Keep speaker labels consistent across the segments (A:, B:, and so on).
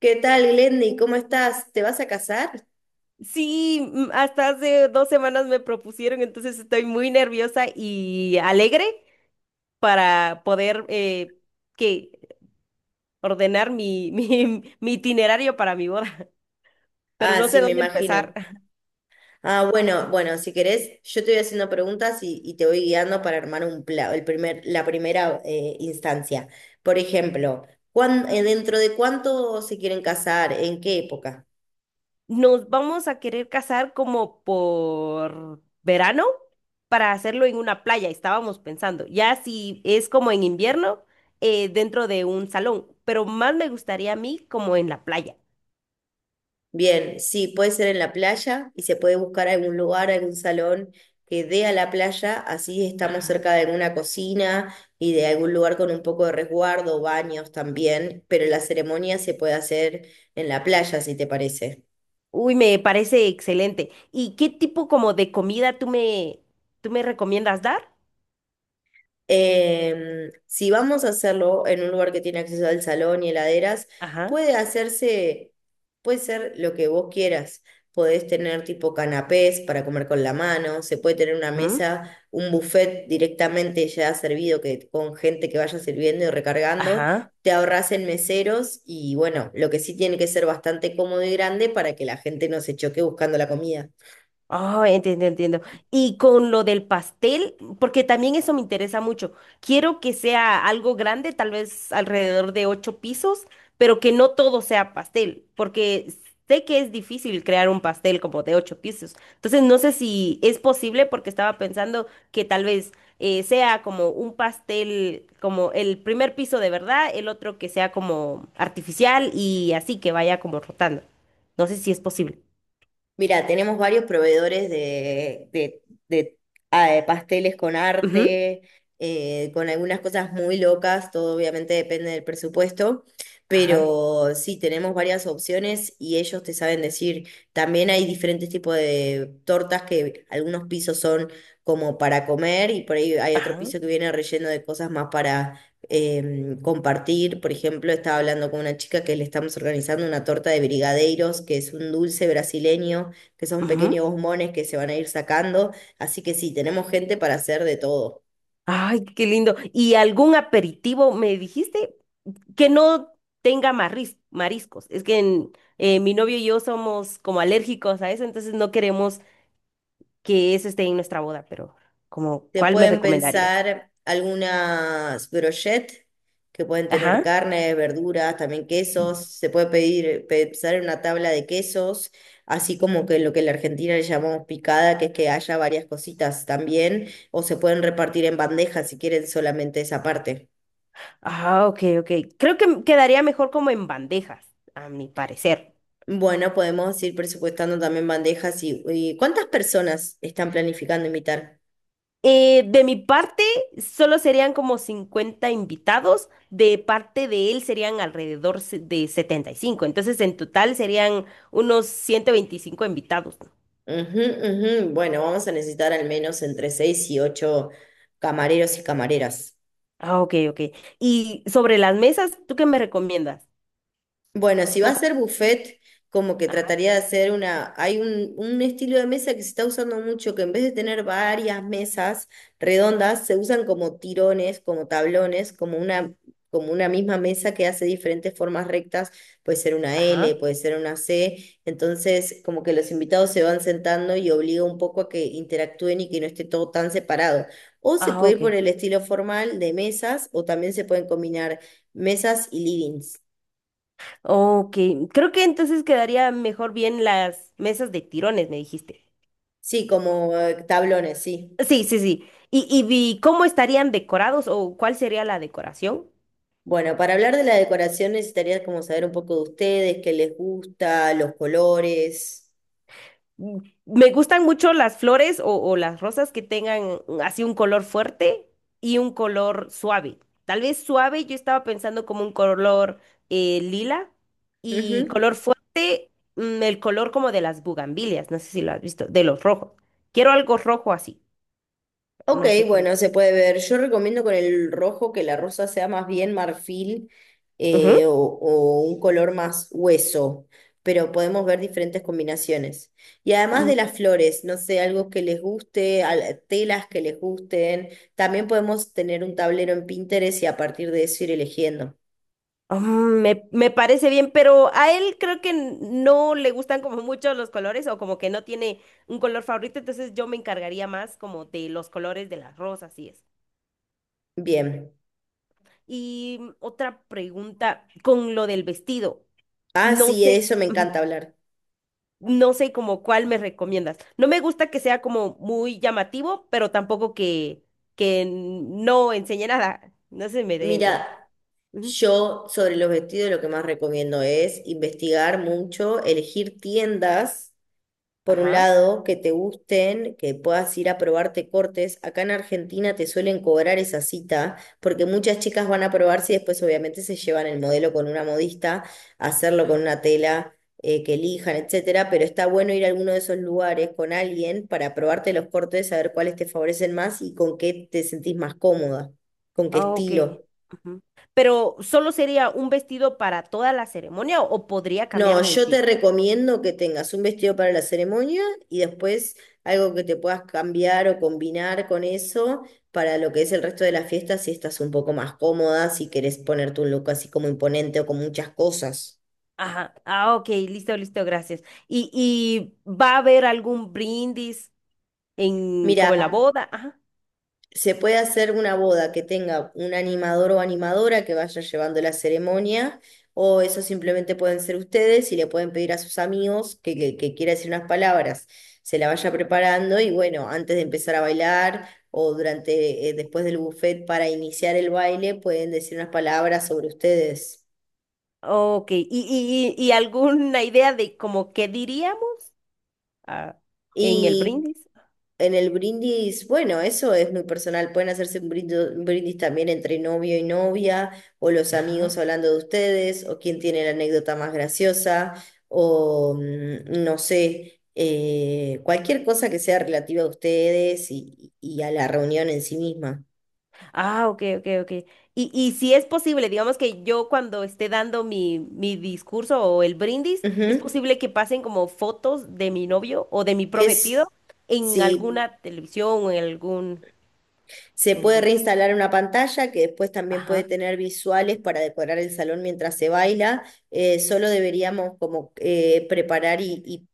A: ¿Qué tal, Glendy? ¿Cómo estás? ¿Te vas a casar?
B: Sí, hasta hace 2 semanas me propusieron, entonces estoy muy nerviosa y alegre para poder que ordenar mi, mi itinerario para mi boda, pero
A: Ah,
B: no sé
A: sí, me
B: dónde empezar.
A: imagino. Ah, bueno, bueno, si querés, yo te voy haciendo preguntas y te voy guiando para armar un pla- el primer, la primera instancia. Por ejemplo, dentro de cuánto se quieren casar? ¿En qué época?
B: Nos vamos a querer casar como por verano para hacerlo en una playa, estábamos pensando. Ya si es como en invierno, dentro de un salón, pero más me gustaría a mí como en la playa.
A: Bien, sí, puede ser en la playa y se puede buscar algún lugar, algún salón que dé a la playa, así estamos
B: Ajá.
A: cerca de alguna cocina y de algún lugar con un poco de resguardo, baños también, pero la ceremonia se puede hacer en la playa, si te parece.
B: Uy, me parece excelente. ¿Y qué tipo como de comida tú me recomiendas dar?
A: Si vamos a hacerlo en un lugar que tiene acceso al salón y heladeras,
B: Ajá.
A: puede hacerse, puede ser lo que vos quieras. Podés tener tipo canapés para comer con la mano, se puede tener una
B: Ujú.
A: mesa, un buffet directamente ya servido que, con gente que vaya sirviendo y recargando.
B: Ajá.
A: Te ahorras en meseros y bueno, lo que sí tiene que ser bastante cómodo y grande para que la gente no se choque buscando la comida.
B: Oh, entiendo, entiendo. Y con lo del pastel, porque también eso me interesa mucho. Quiero que sea algo grande, tal vez alrededor de ocho pisos, pero que no todo sea pastel, porque sé que es difícil crear un pastel como de ocho pisos. Entonces, no sé si es posible, porque estaba pensando que tal vez sea como un pastel, como el primer piso de verdad, el otro que sea como artificial y así que vaya como rotando. No sé si es posible.
A: Mira, tenemos varios proveedores de, de pasteles con
B: Ujú.
A: arte, con algunas cosas muy locas, todo obviamente depende del presupuesto,
B: Ajá.
A: pero sí, tenemos varias opciones y ellos te saben decir, también hay diferentes tipos de tortas que algunos pisos son como para comer y por ahí hay otro
B: Ajá.
A: piso que viene relleno de cosas más compartir. Por ejemplo, estaba hablando con una chica que le estamos organizando una torta de brigadeiros, que es un dulce brasileño, que son
B: Ujú.
A: pequeños bombones que se van a ir sacando. Así que sí, tenemos gente para hacer de todo.
B: Ay, qué lindo. ¿Y algún aperitivo me dijiste que no tenga mariscos? Es que mi novio y yo somos como alérgicos a eso, entonces no queremos que eso esté en nuestra boda, pero como,
A: Se
B: ¿cuál me
A: pueden
B: recomendarías?
A: pensar algunas brochettes que pueden tener
B: Ajá.
A: carne, verduras, también quesos. Se puede pedir, pensar en una tabla de quesos, así como que lo que en la Argentina le llamamos picada, que es que haya varias cositas también, o se pueden repartir en bandejas si quieren solamente esa parte.
B: Ah, ok, ok. Creo que quedaría mejor como en bandejas, a mi parecer.
A: Bueno, podemos ir presupuestando también bandejas y ¿cuántas personas están planificando invitar?
B: De mi parte, solo serían como 50 invitados, de parte de él serían alrededor de 75. Entonces en total serían unos 125 invitados, ¿no?
A: Ujú, ujú. Bueno, vamos a necesitar al menos entre seis y ocho camareros y camareras.
B: Ah, ok, ok. Y sobre las mesas, ¿tú qué me recomiendas?
A: Bueno, si va a
B: Como-
A: ser buffet, como que
B: Ajá,
A: trataría de hacer una, hay un estilo de mesa que se está usando mucho, que en vez de tener varias mesas redondas, se usan como tirones, como tablones, como una misma mesa que hace diferentes formas rectas, puede ser una L,
B: ajá.
A: puede ser una C, entonces como que los invitados se van sentando y obliga un poco a que interactúen y que no esté todo tan separado. O se
B: Ah,
A: puede ir por
B: ok.
A: el estilo formal de mesas, o también se pueden combinar mesas y livings.
B: Ok, creo que entonces quedaría mejor bien las mesas de tirones, me dijiste.
A: Sí, como tablones, sí.
B: Sí, sí, sí. ¿Y cómo estarían decorados o cuál sería la decoración?
A: Bueno, para hablar de la decoración necesitaría como saber un poco de ustedes, qué les gusta, los colores.
B: Mm, Me gustan mucho las flores o las rosas que tengan así un color fuerte y un color suave. Tal vez suave, yo estaba pensando como un color lila y
A: Ujú.
B: color fuerte, el color como de las bugambilias, no sé si lo has visto, de los rojos. Quiero algo rojo así,
A: Ok,
B: no sé cómo.
A: bueno, se puede ver. Yo recomiendo con el rojo que la rosa sea más bien marfil o un color más hueso, pero podemos ver diferentes combinaciones. Y además de
B: Ujú.
A: las flores, no sé, algo que les guste, al- telas que les gusten. También podemos tener un tablero en Pinterest y a partir de eso ir eligiendo.
B: Me parece bien, pero a él creo que no le gustan como mucho los colores o como que no tiene un color favorito, entonces yo me encargaría más como de los colores de las rosas y eso.
A: Bien.
B: Y otra pregunta con lo del vestido.
A: Ah,
B: No
A: sí, de
B: sé,
A: eso me
B: ujú,
A: encanta hablar.
B: no sé como cuál me recomiendas. No me gusta que sea como muy llamativo, pero tampoco que, no enseñe nada. No se me dé a entender.
A: Mira,
B: Ujú.
A: yo sobre los vestidos lo que más recomiendo es investigar mucho, elegir tiendas por un
B: Ajá.
A: lado, que te gusten, que puedas ir a probarte cortes. Acá en Argentina te suelen cobrar esa cita, porque muchas chicas van a probarse y después obviamente se llevan el modelo con una modista, a hacerlo con una tela que elijan, etcétera. Pero está bueno ir a alguno de esos lugares con alguien para probarte los cortes, saber cuáles te favorecen más y con qué te sentís más cómoda, con qué
B: Ah, ok.
A: estilo.
B: Ujú. Pero solo sería un vestido para toda la ceremonia o podría cambiar
A: No,
B: de
A: yo
B: vestido.
A: te recomiendo que tengas un vestido para la ceremonia y después algo que te puedas cambiar o combinar con eso para lo que es el resto de la fiesta si estás un poco más cómoda, si querés ponerte un look así como imponente o con muchas cosas.
B: Ajá. Ah, ok, listo, listo, gracias. ¿Y va a haber algún brindis en como en la
A: Mira,
B: boda? Ajá.
A: se puede hacer una boda que tenga un animador o animadora que vaya llevando la ceremonia, o eso simplemente pueden ser ustedes y le pueden pedir a sus amigos que quiera decir unas palabras, se la vaya preparando y bueno, antes de empezar a bailar o durante, después del buffet para iniciar el baile, pueden decir unas palabras sobre ustedes.
B: Ok. ¿Y alguna idea de como qué diríamos ah, en el
A: Y
B: brindis?
A: En el brindis, bueno, eso es muy personal. Pueden hacerse un brindis, también entre novio y novia, o los amigos hablando de ustedes, o quién tiene la anécdota más graciosa, o no sé, cualquier cosa que sea relativa a ustedes y a la reunión en sí misma.
B: Ah, ok, ok, ok. Y si es posible, digamos que yo cuando esté dando mi discurso o el brindis, es
A: Ujú.
B: posible que pasen como fotos de mi novio o de mi
A: Es,
B: prometido en
A: sí.
B: alguna televisión o en algún...
A: Se
B: En
A: puede
B: algún...
A: reinstalar una pantalla que después también puede tener visuales para decorar el salón mientras se baila. Solo deberíamos como preparar y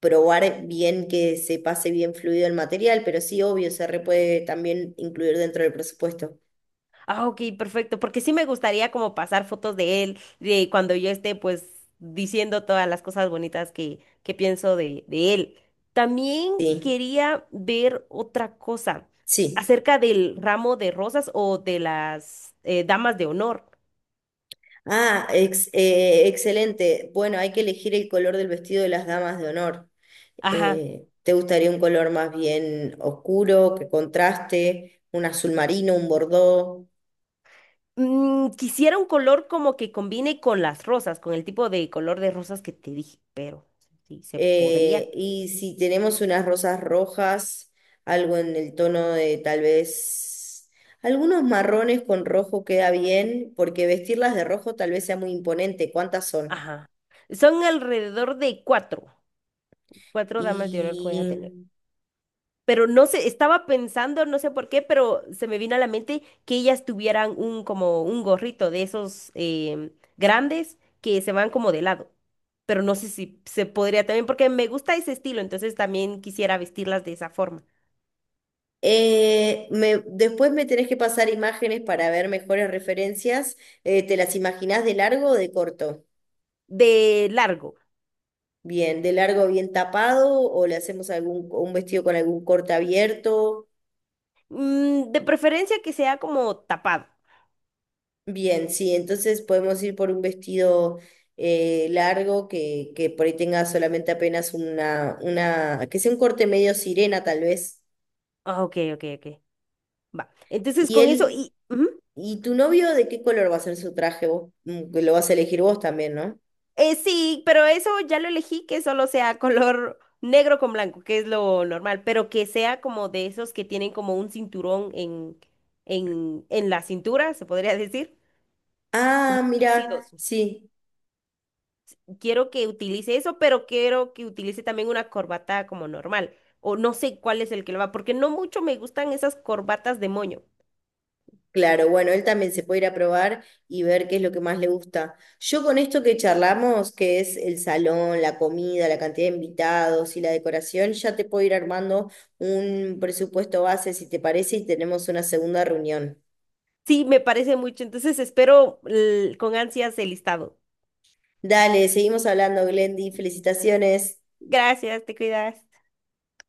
A: probar bien que se pase bien fluido el material, pero sí, obvio, se re puede también incluir dentro del presupuesto.
B: Ah, ok, perfecto, porque sí me gustaría como pasar fotos de él, de cuando yo esté pues diciendo todas las cosas bonitas que, pienso de él. También
A: Sí,
B: quería ver otra cosa
A: sí.
B: acerca del ramo de rosas o de las damas de honor.
A: Ah, excelente. Bueno, hay que elegir el color del vestido de las damas de honor.
B: Ajá.
A: ¿Te gustaría un color más bien oscuro, que contraste? Un azul marino, un bordó.
B: Quisiera un color como que combine con las rosas, con el tipo de color de rosas que te dije, pero sí, se podría.
A: Y si tenemos unas rosas rojas, algo en el tono de tal vez algunos marrones con rojo queda bien, porque vestirlas de rojo tal vez sea muy imponente. ¿Cuántas son?
B: Ajá. Son alrededor de cuatro damas de honor que voy a tener.
A: Y
B: Pero no sé, estaba pensando, no sé por qué, pero se me vino a la mente que ellas tuvieran un como un gorrito de esos grandes que se van como de lado. Pero no sé si se podría también, porque me gusta ese estilo, entonces también quisiera vestirlas de esa forma,
A: eh, me- después me tenés que pasar imágenes para ver mejores referencias. ¿Te las imaginás de largo o de corto?
B: de largo.
A: Bien, de largo bien tapado o le hacemos algún un vestido con algún corte abierto.
B: De preferencia que sea como tapado.
A: Bien, sí, entonces podemos ir por un vestido largo que por ahí tenga solamente apenas que sea un corte medio sirena tal vez.
B: Ah, ok, ok, ok. Va. Entonces
A: Y
B: con eso
A: él,
B: y... ujú.
A: ¿y tu novio de qué color va a ser su traje vos? Mm, que lo vas a elegir vos también, ¿no?
B: Sí, pero eso ya lo elegí que solo sea color negro con blanco, que es lo normal, pero que sea como de esos que tienen como un cinturón en, en la cintura, se podría decir,
A: Ah,
B: como un tuxedo.
A: mira, sí.
B: Quiero que utilice eso, pero quiero que utilice también una corbata como normal, o no sé cuál es el que lo va, porque no mucho me gustan esas corbatas de moño.
A: Claro, bueno, él también se puede ir a probar y ver qué es lo que más le gusta. Yo con esto que charlamos, que es el salón, la comida, la cantidad de invitados y la decoración, ya te puedo ir armando un presupuesto base, si te parece, y tenemos una segunda reunión.
B: Sí, me parece mucho, entonces espero con ansias el listado.
A: Dale, seguimos hablando, Glendy. Felicitaciones.
B: Gracias, te cuidas.